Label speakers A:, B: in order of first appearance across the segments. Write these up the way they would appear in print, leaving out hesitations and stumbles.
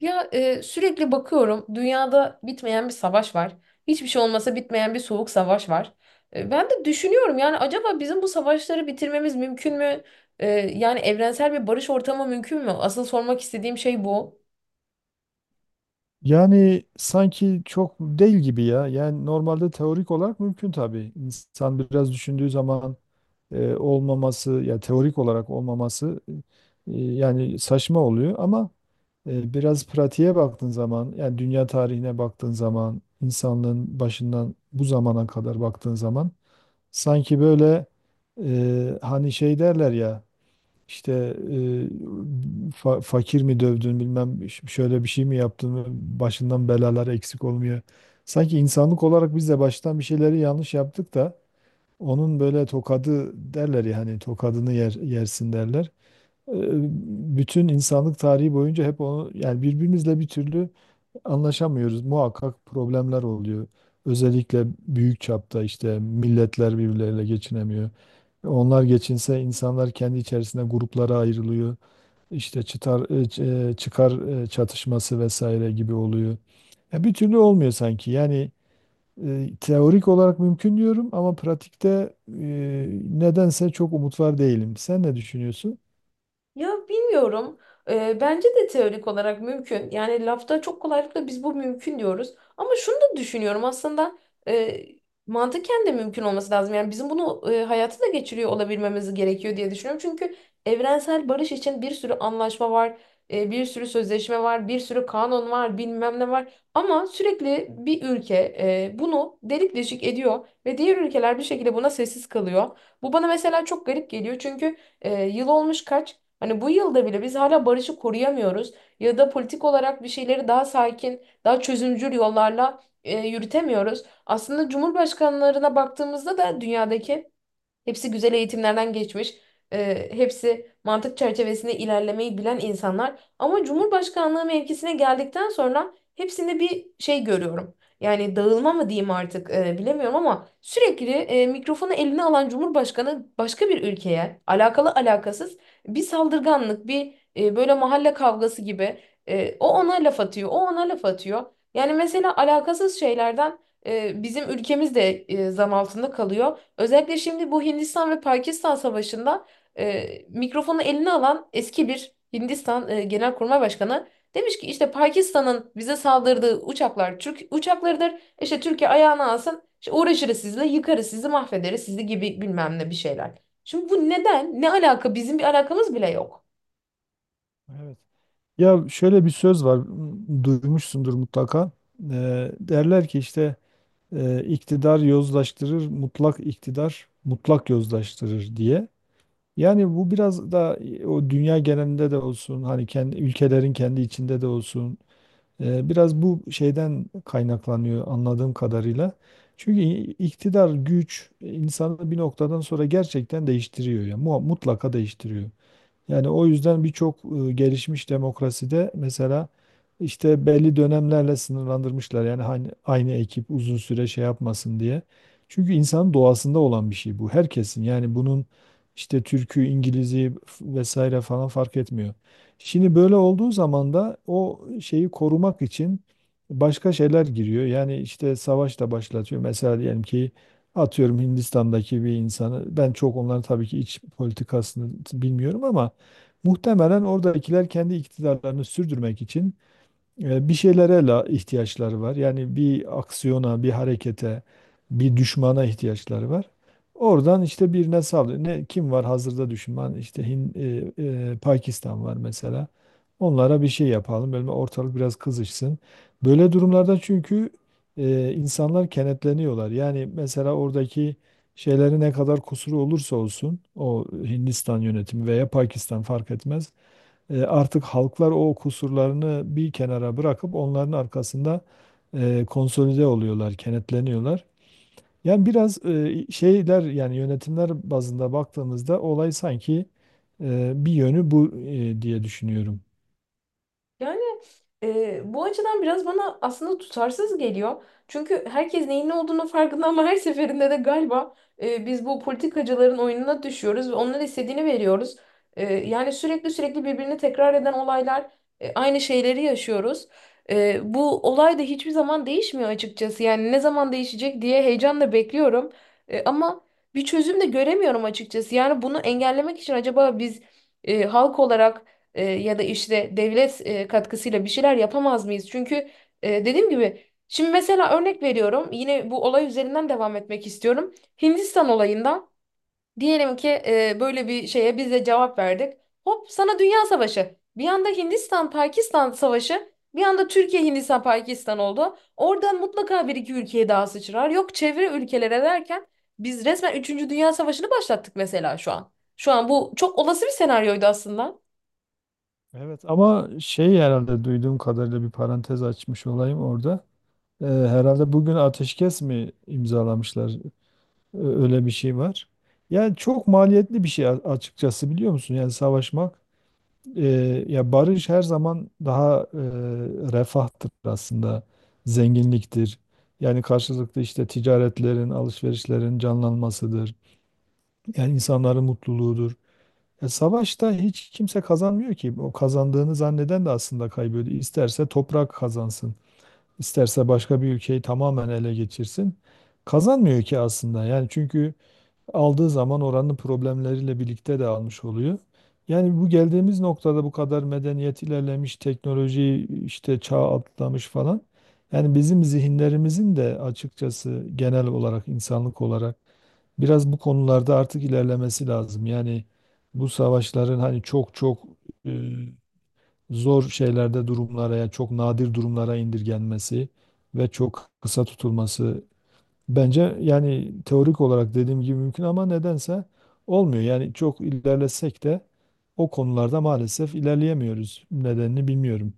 A: Ya sürekli bakıyorum dünyada bitmeyen bir savaş var. Hiçbir şey olmasa bitmeyen bir soğuk savaş var. Ben de düşünüyorum yani acaba bizim bu savaşları bitirmemiz mümkün mü? Yani evrensel bir barış ortamı mümkün mü? Asıl sormak istediğim şey bu.
B: Yani sanki çok değil gibi ya. Yani normalde teorik olarak mümkün tabii. İnsan biraz düşündüğü zaman olmaması, ya teorik olarak olmaması yani saçma oluyor ama biraz pratiğe baktığın zaman, yani dünya tarihine baktığın zaman, insanlığın başından bu zamana kadar baktığın zaman sanki böyle hani şey derler ya. İşte e, fakir mi dövdün bilmem şöyle bir şey mi yaptın mı başından belalar eksik olmuyor. Sanki insanlık olarak biz de baştan bir şeyleri yanlış yaptık da onun böyle tokadı derler ya hani tokadını yer, yersin derler. E, bütün insanlık tarihi boyunca hep onu yani birbirimizle bir türlü anlaşamıyoruz. Muhakkak problemler oluyor. Özellikle büyük çapta işte milletler birbirleriyle geçinemiyor. Onlar geçinse insanlar kendi içerisinde gruplara ayrılıyor. İşte çıtar, e, ç- e, çıkar çatışması vesaire gibi oluyor. Ya bir türlü olmuyor sanki. Yani teorik olarak mümkün diyorum ama pratikte nedense çok umut var değilim. Sen ne düşünüyorsun?
A: Ya bilmiyorum. Bence de teorik olarak mümkün. Yani lafta çok kolaylıkla biz bu mümkün diyoruz. Ama şunu da düşünüyorum aslında e, mantıken de mümkün olması lazım. Yani bizim bunu hayata da geçiriyor olabilmemiz gerekiyor diye düşünüyorum. Çünkü evrensel barış için bir sürü anlaşma var, bir sürü sözleşme var, bir sürü kanun var, bilmem ne var. Ama sürekli bir ülke bunu delik deşik ediyor ve diğer ülkeler bir şekilde buna sessiz kalıyor. Bu bana mesela çok garip geliyor çünkü yıl olmuş kaç? Hani bu yılda bile biz hala barışı koruyamıyoruz ya da politik olarak bir şeyleri daha sakin, daha çözümcül yollarla yürütemiyoruz. Aslında cumhurbaşkanlarına baktığımızda da dünyadaki hepsi güzel eğitimlerden geçmiş. Hepsi mantık çerçevesinde ilerlemeyi bilen insanlar. Ama Cumhurbaşkanlığı mevkisine geldikten sonra hepsinde bir şey görüyorum. Yani dağılma mı diyeyim artık, bilemiyorum ama sürekli mikrofonu eline alan Cumhurbaşkanı başka bir ülkeye alakalı alakasız bir saldırganlık, bir, böyle mahalle kavgası gibi o ona laf atıyor, o ona laf atıyor. Yani mesela alakasız şeylerden bizim ülkemiz de zan altında kalıyor. Özellikle şimdi bu Hindistan ve Pakistan savaşında mikrofonu eline alan eski bir Hindistan Genelkurmay Başkanı demiş ki işte Pakistan'ın bize saldırdığı uçaklar Türk uçaklarıdır. İşte Türkiye ayağına alsın. İşte uğraşırız sizinle, yıkarız sizi, mahvederiz sizi gibi bilmem ne bir şeyler. Şimdi bu neden? Ne alaka? Bizim bir alakamız bile yok.
B: Evet. Ya şöyle bir söz var, duymuşsundur mutlaka. Derler ki işte iktidar yozlaştırır, mutlak iktidar mutlak yozlaştırır diye. Yani bu biraz da o dünya genelinde de olsun, hani kendi ülkelerin kendi içinde de olsun. Biraz bu şeyden kaynaklanıyor anladığım kadarıyla. Çünkü iktidar, güç, insanı bir noktadan sonra gerçekten değiştiriyor ya. Mutlaka değiştiriyor. Yani o yüzden birçok gelişmiş demokraside mesela işte belli dönemlerle sınırlandırmışlar. Yani hani aynı ekip uzun süre şey yapmasın diye. Çünkü insanın doğasında olan bir şey bu. Herkesin yani bunun işte Türk'ü, İngiliz'i vesaire falan fark etmiyor. Şimdi böyle olduğu zaman da o şeyi korumak için başka şeyler giriyor. Yani işte savaş da başlatıyor. Mesela diyelim ki atıyorum Hindistan'daki bir insanı ben çok onların tabii ki iç politikasını bilmiyorum ama muhtemelen oradakiler kendi iktidarlarını sürdürmek için bir şeylere la ihtiyaçları var. Yani bir aksiyona, bir harekete, bir düşmana ihtiyaçları var. Oradan işte birine saldırıyor. Ne, kim var hazırda düşman? İşte Pakistan var mesela. Onlara bir şey yapalım. Böyle ortalık biraz kızışsın. Böyle durumlarda çünkü insanlar kenetleniyorlar. Yani mesela oradaki şeyleri ne kadar kusuru olursa olsun o Hindistan yönetimi veya Pakistan fark etmez. Artık halklar o kusurlarını bir kenara bırakıp onların arkasında konsolide oluyorlar, kenetleniyorlar. Yani biraz şeyler yani yönetimler bazında baktığımızda olay sanki bir yönü bu diye düşünüyorum.
A: Yani bu açıdan biraz bana aslında tutarsız geliyor. Çünkü herkes neyin ne olduğunu farkında ama her seferinde de galiba biz bu politikacıların oyununa düşüyoruz ve onların istediğini veriyoruz. Yani sürekli birbirini tekrar eden olaylar, aynı şeyleri yaşıyoruz. Bu olay da hiçbir zaman değişmiyor açıkçası. Yani ne zaman değişecek diye heyecanla bekliyorum. Ama bir çözüm de göremiyorum açıkçası. Yani bunu engellemek için acaba biz halk olarak ya da işte devlet katkısıyla bir şeyler yapamaz mıyız? Çünkü dediğim gibi şimdi mesela örnek veriyorum yine bu olay üzerinden devam etmek istiyorum. Hindistan olayından diyelim ki böyle bir şeye biz de cevap verdik. Hop sana Dünya Savaşı. Bir anda Hindistan-Pakistan Savaşı, bir anda Türkiye-Hindistan-Pakistan oldu. Oradan mutlaka bir iki ülkeye daha sıçrar. Yok çevre ülkelere derken biz resmen üçüncü Dünya Savaşı'nı başlattık mesela şu an. Şu an bu çok olası bir senaryoydu aslında.
B: Evet ama şey herhalde duyduğum kadarıyla bir parantez açmış olayım orada. Herhalde bugün ateşkes mi imzalamışlar? Öyle bir şey var. Yani çok maliyetli bir şey açıkçası biliyor musun? Yani savaşmak. E, ya barış her zaman daha refahtır aslında, zenginliktir. Yani karşılıklı işte ticaretlerin, alışverişlerin canlanmasıdır. Yani insanların mutluluğudur. Savaşta hiç kimse kazanmıyor ki. O kazandığını zanneden de aslında kaybediyor. İsterse toprak kazansın, isterse başka bir ülkeyi tamamen ele geçirsin. Kazanmıyor ki aslında. Yani çünkü aldığı zaman oranın problemleriyle birlikte de almış oluyor. Yani bu geldiğimiz noktada bu kadar medeniyet ilerlemiş, teknoloji işte çağ atlamış falan. Yani bizim zihinlerimizin de açıkçası genel olarak insanlık olarak biraz bu konularda artık ilerlemesi lazım. Yani bu savaşların hani çok çok e, zor şeylerde durumlara, yani çok nadir durumlara indirgenmesi ve çok kısa tutulması. Bence yani teorik olarak dediğim gibi mümkün ama nedense olmuyor. Yani çok ilerlesek de o konularda maalesef ilerleyemiyoruz. Nedenini bilmiyorum.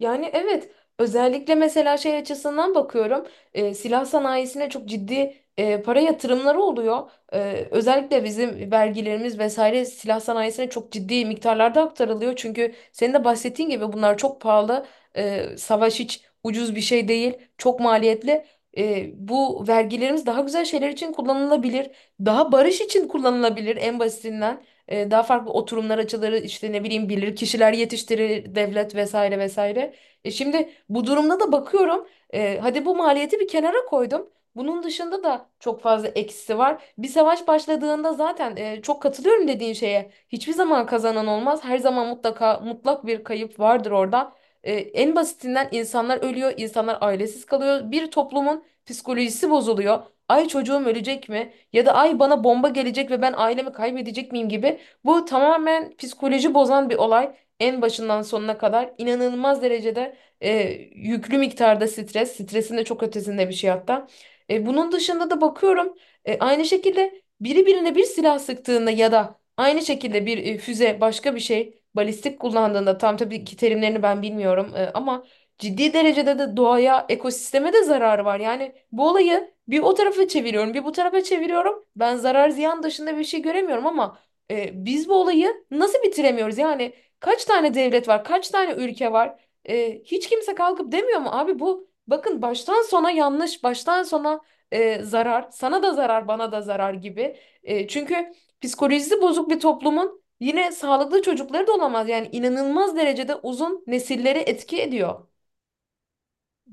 A: Yani evet, özellikle mesela şey açısından bakıyorum, silah sanayisine çok ciddi para yatırımları oluyor. Özellikle bizim vergilerimiz vesaire silah sanayisine çok ciddi miktarlarda aktarılıyor. Çünkü senin de bahsettiğin gibi bunlar çok pahalı. Savaş hiç ucuz bir şey değil. Çok maliyetli. Bu vergilerimiz daha güzel şeyler için kullanılabilir. Daha barış için kullanılabilir en basitinden. Daha farklı oturumlar açıları işte ne bileyim bilir kişiler yetiştirir devlet vesaire vesaire. E, şimdi bu durumda da bakıyorum. Hadi bu maliyeti bir kenara koydum. Bunun dışında da çok fazla eksisi var. Bir savaş başladığında zaten, çok katılıyorum dediğin şeye. Hiçbir zaman kazanan olmaz. Her zaman mutlaka mutlak bir kayıp vardır orada. En basitinden insanlar ölüyor, insanlar ailesiz kalıyor. Bir toplumun psikolojisi bozuluyor. Ay çocuğum ölecek mi? Ya da ay bana bomba gelecek ve ben ailemi kaybedecek miyim gibi. Bu tamamen psikoloji bozan bir olay. En başından sonuna kadar inanılmaz derecede e, yüklü miktarda stres, stresin de çok ötesinde bir şey hatta. Bunun dışında da bakıyorum, aynı şekilde biri birine bir silah sıktığında ya da aynı şekilde bir, füze başka bir şey balistik kullandığında, tam tabii ki terimlerini ben bilmiyorum, ama ciddi derecede de doğaya, ekosisteme de zararı var. Yani bu olayı bir o tarafa çeviriyorum, bir bu tarafa çeviriyorum. Ben zarar ziyan dışında bir şey göremiyorum ama biz bu olayı nasıl bitiremiyoruz? Yani kaç tane devlet var, kaç tane ülke var? Hiç kimse kalkıp demiyor mu abi bu bakın baştan sona yanlış, baştan sona zarar, sana da zarar, bana da zarar gibi. Çünkü psikolojisi bozuk bir toplumun yine sağlıklı çocukları da olamaz. Yani inanılmaz derecede uzun nesilleri etki ediyor.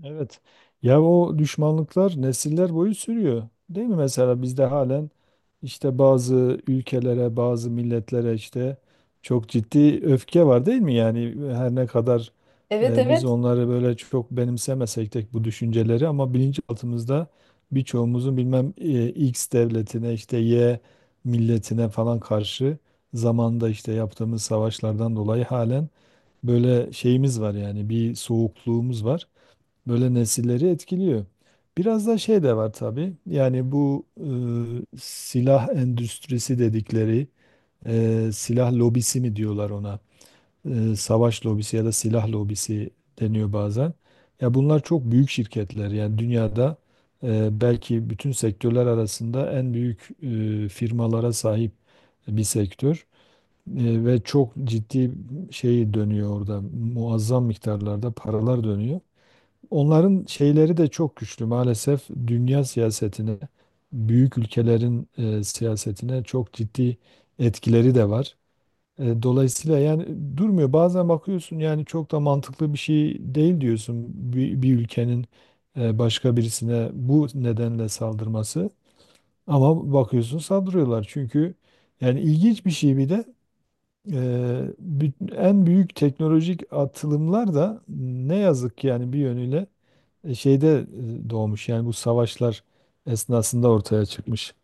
B: Evet. Ya o düşmanlıklar nesiller boyu sürüyor. Değil mi? Mesela bizde halen işte bazı ülkelere, bazı milletlere işte çok ciddi öfke var değil mi? Yani her ne kadar
A: Evet,
B: biz
A: evet.
B: onları böyle çok benimsemesek de bu düşünceleri ama bilinçaltımızda birçoğumuzun bilmem X devletine işte Y milletine falan karşı zamanda işte yaptığımız savaşlardan dolayı halen böyle şeyimiz var yani bir soğukluğumuz var böyle nesilleri etkiliyor. Biraz da şey de var tabii. Yani bu silah endüstrisi dedikleri silah lobisi mi diyorlar ona? Savaş lobisi ya da silah lobisi deniyor bazen. Ya bunlar çok büyük şirketler. Yani dünyada belki bütün sektörler arasında en büyük firmalara sahip bir sektör. Ve çok ciddi şey dönüyor orada. Muazzam miktarlarda paralar dönüyor. Onların şeyleri de çok güçlü maalesef dünya siyasetine, büyük ülkelerin siyasetine çok ciddi etkileri de var. Dolayısıyla yani durmuyor. Bazen bakıyorsun yani çok da mantıklı bir şey değil diyorsun bir ülkenin başka birisine bu nedenle saldırması. Ama bakıyorsun saldırıyorlar çünkü yani ilginç bir şey bir de e, en büyük teknolojik atılımlar da ne yazık ki yani bir yönüyle şeyde doğmuş yani bu savaşlar esnasında ortaya çıkmış.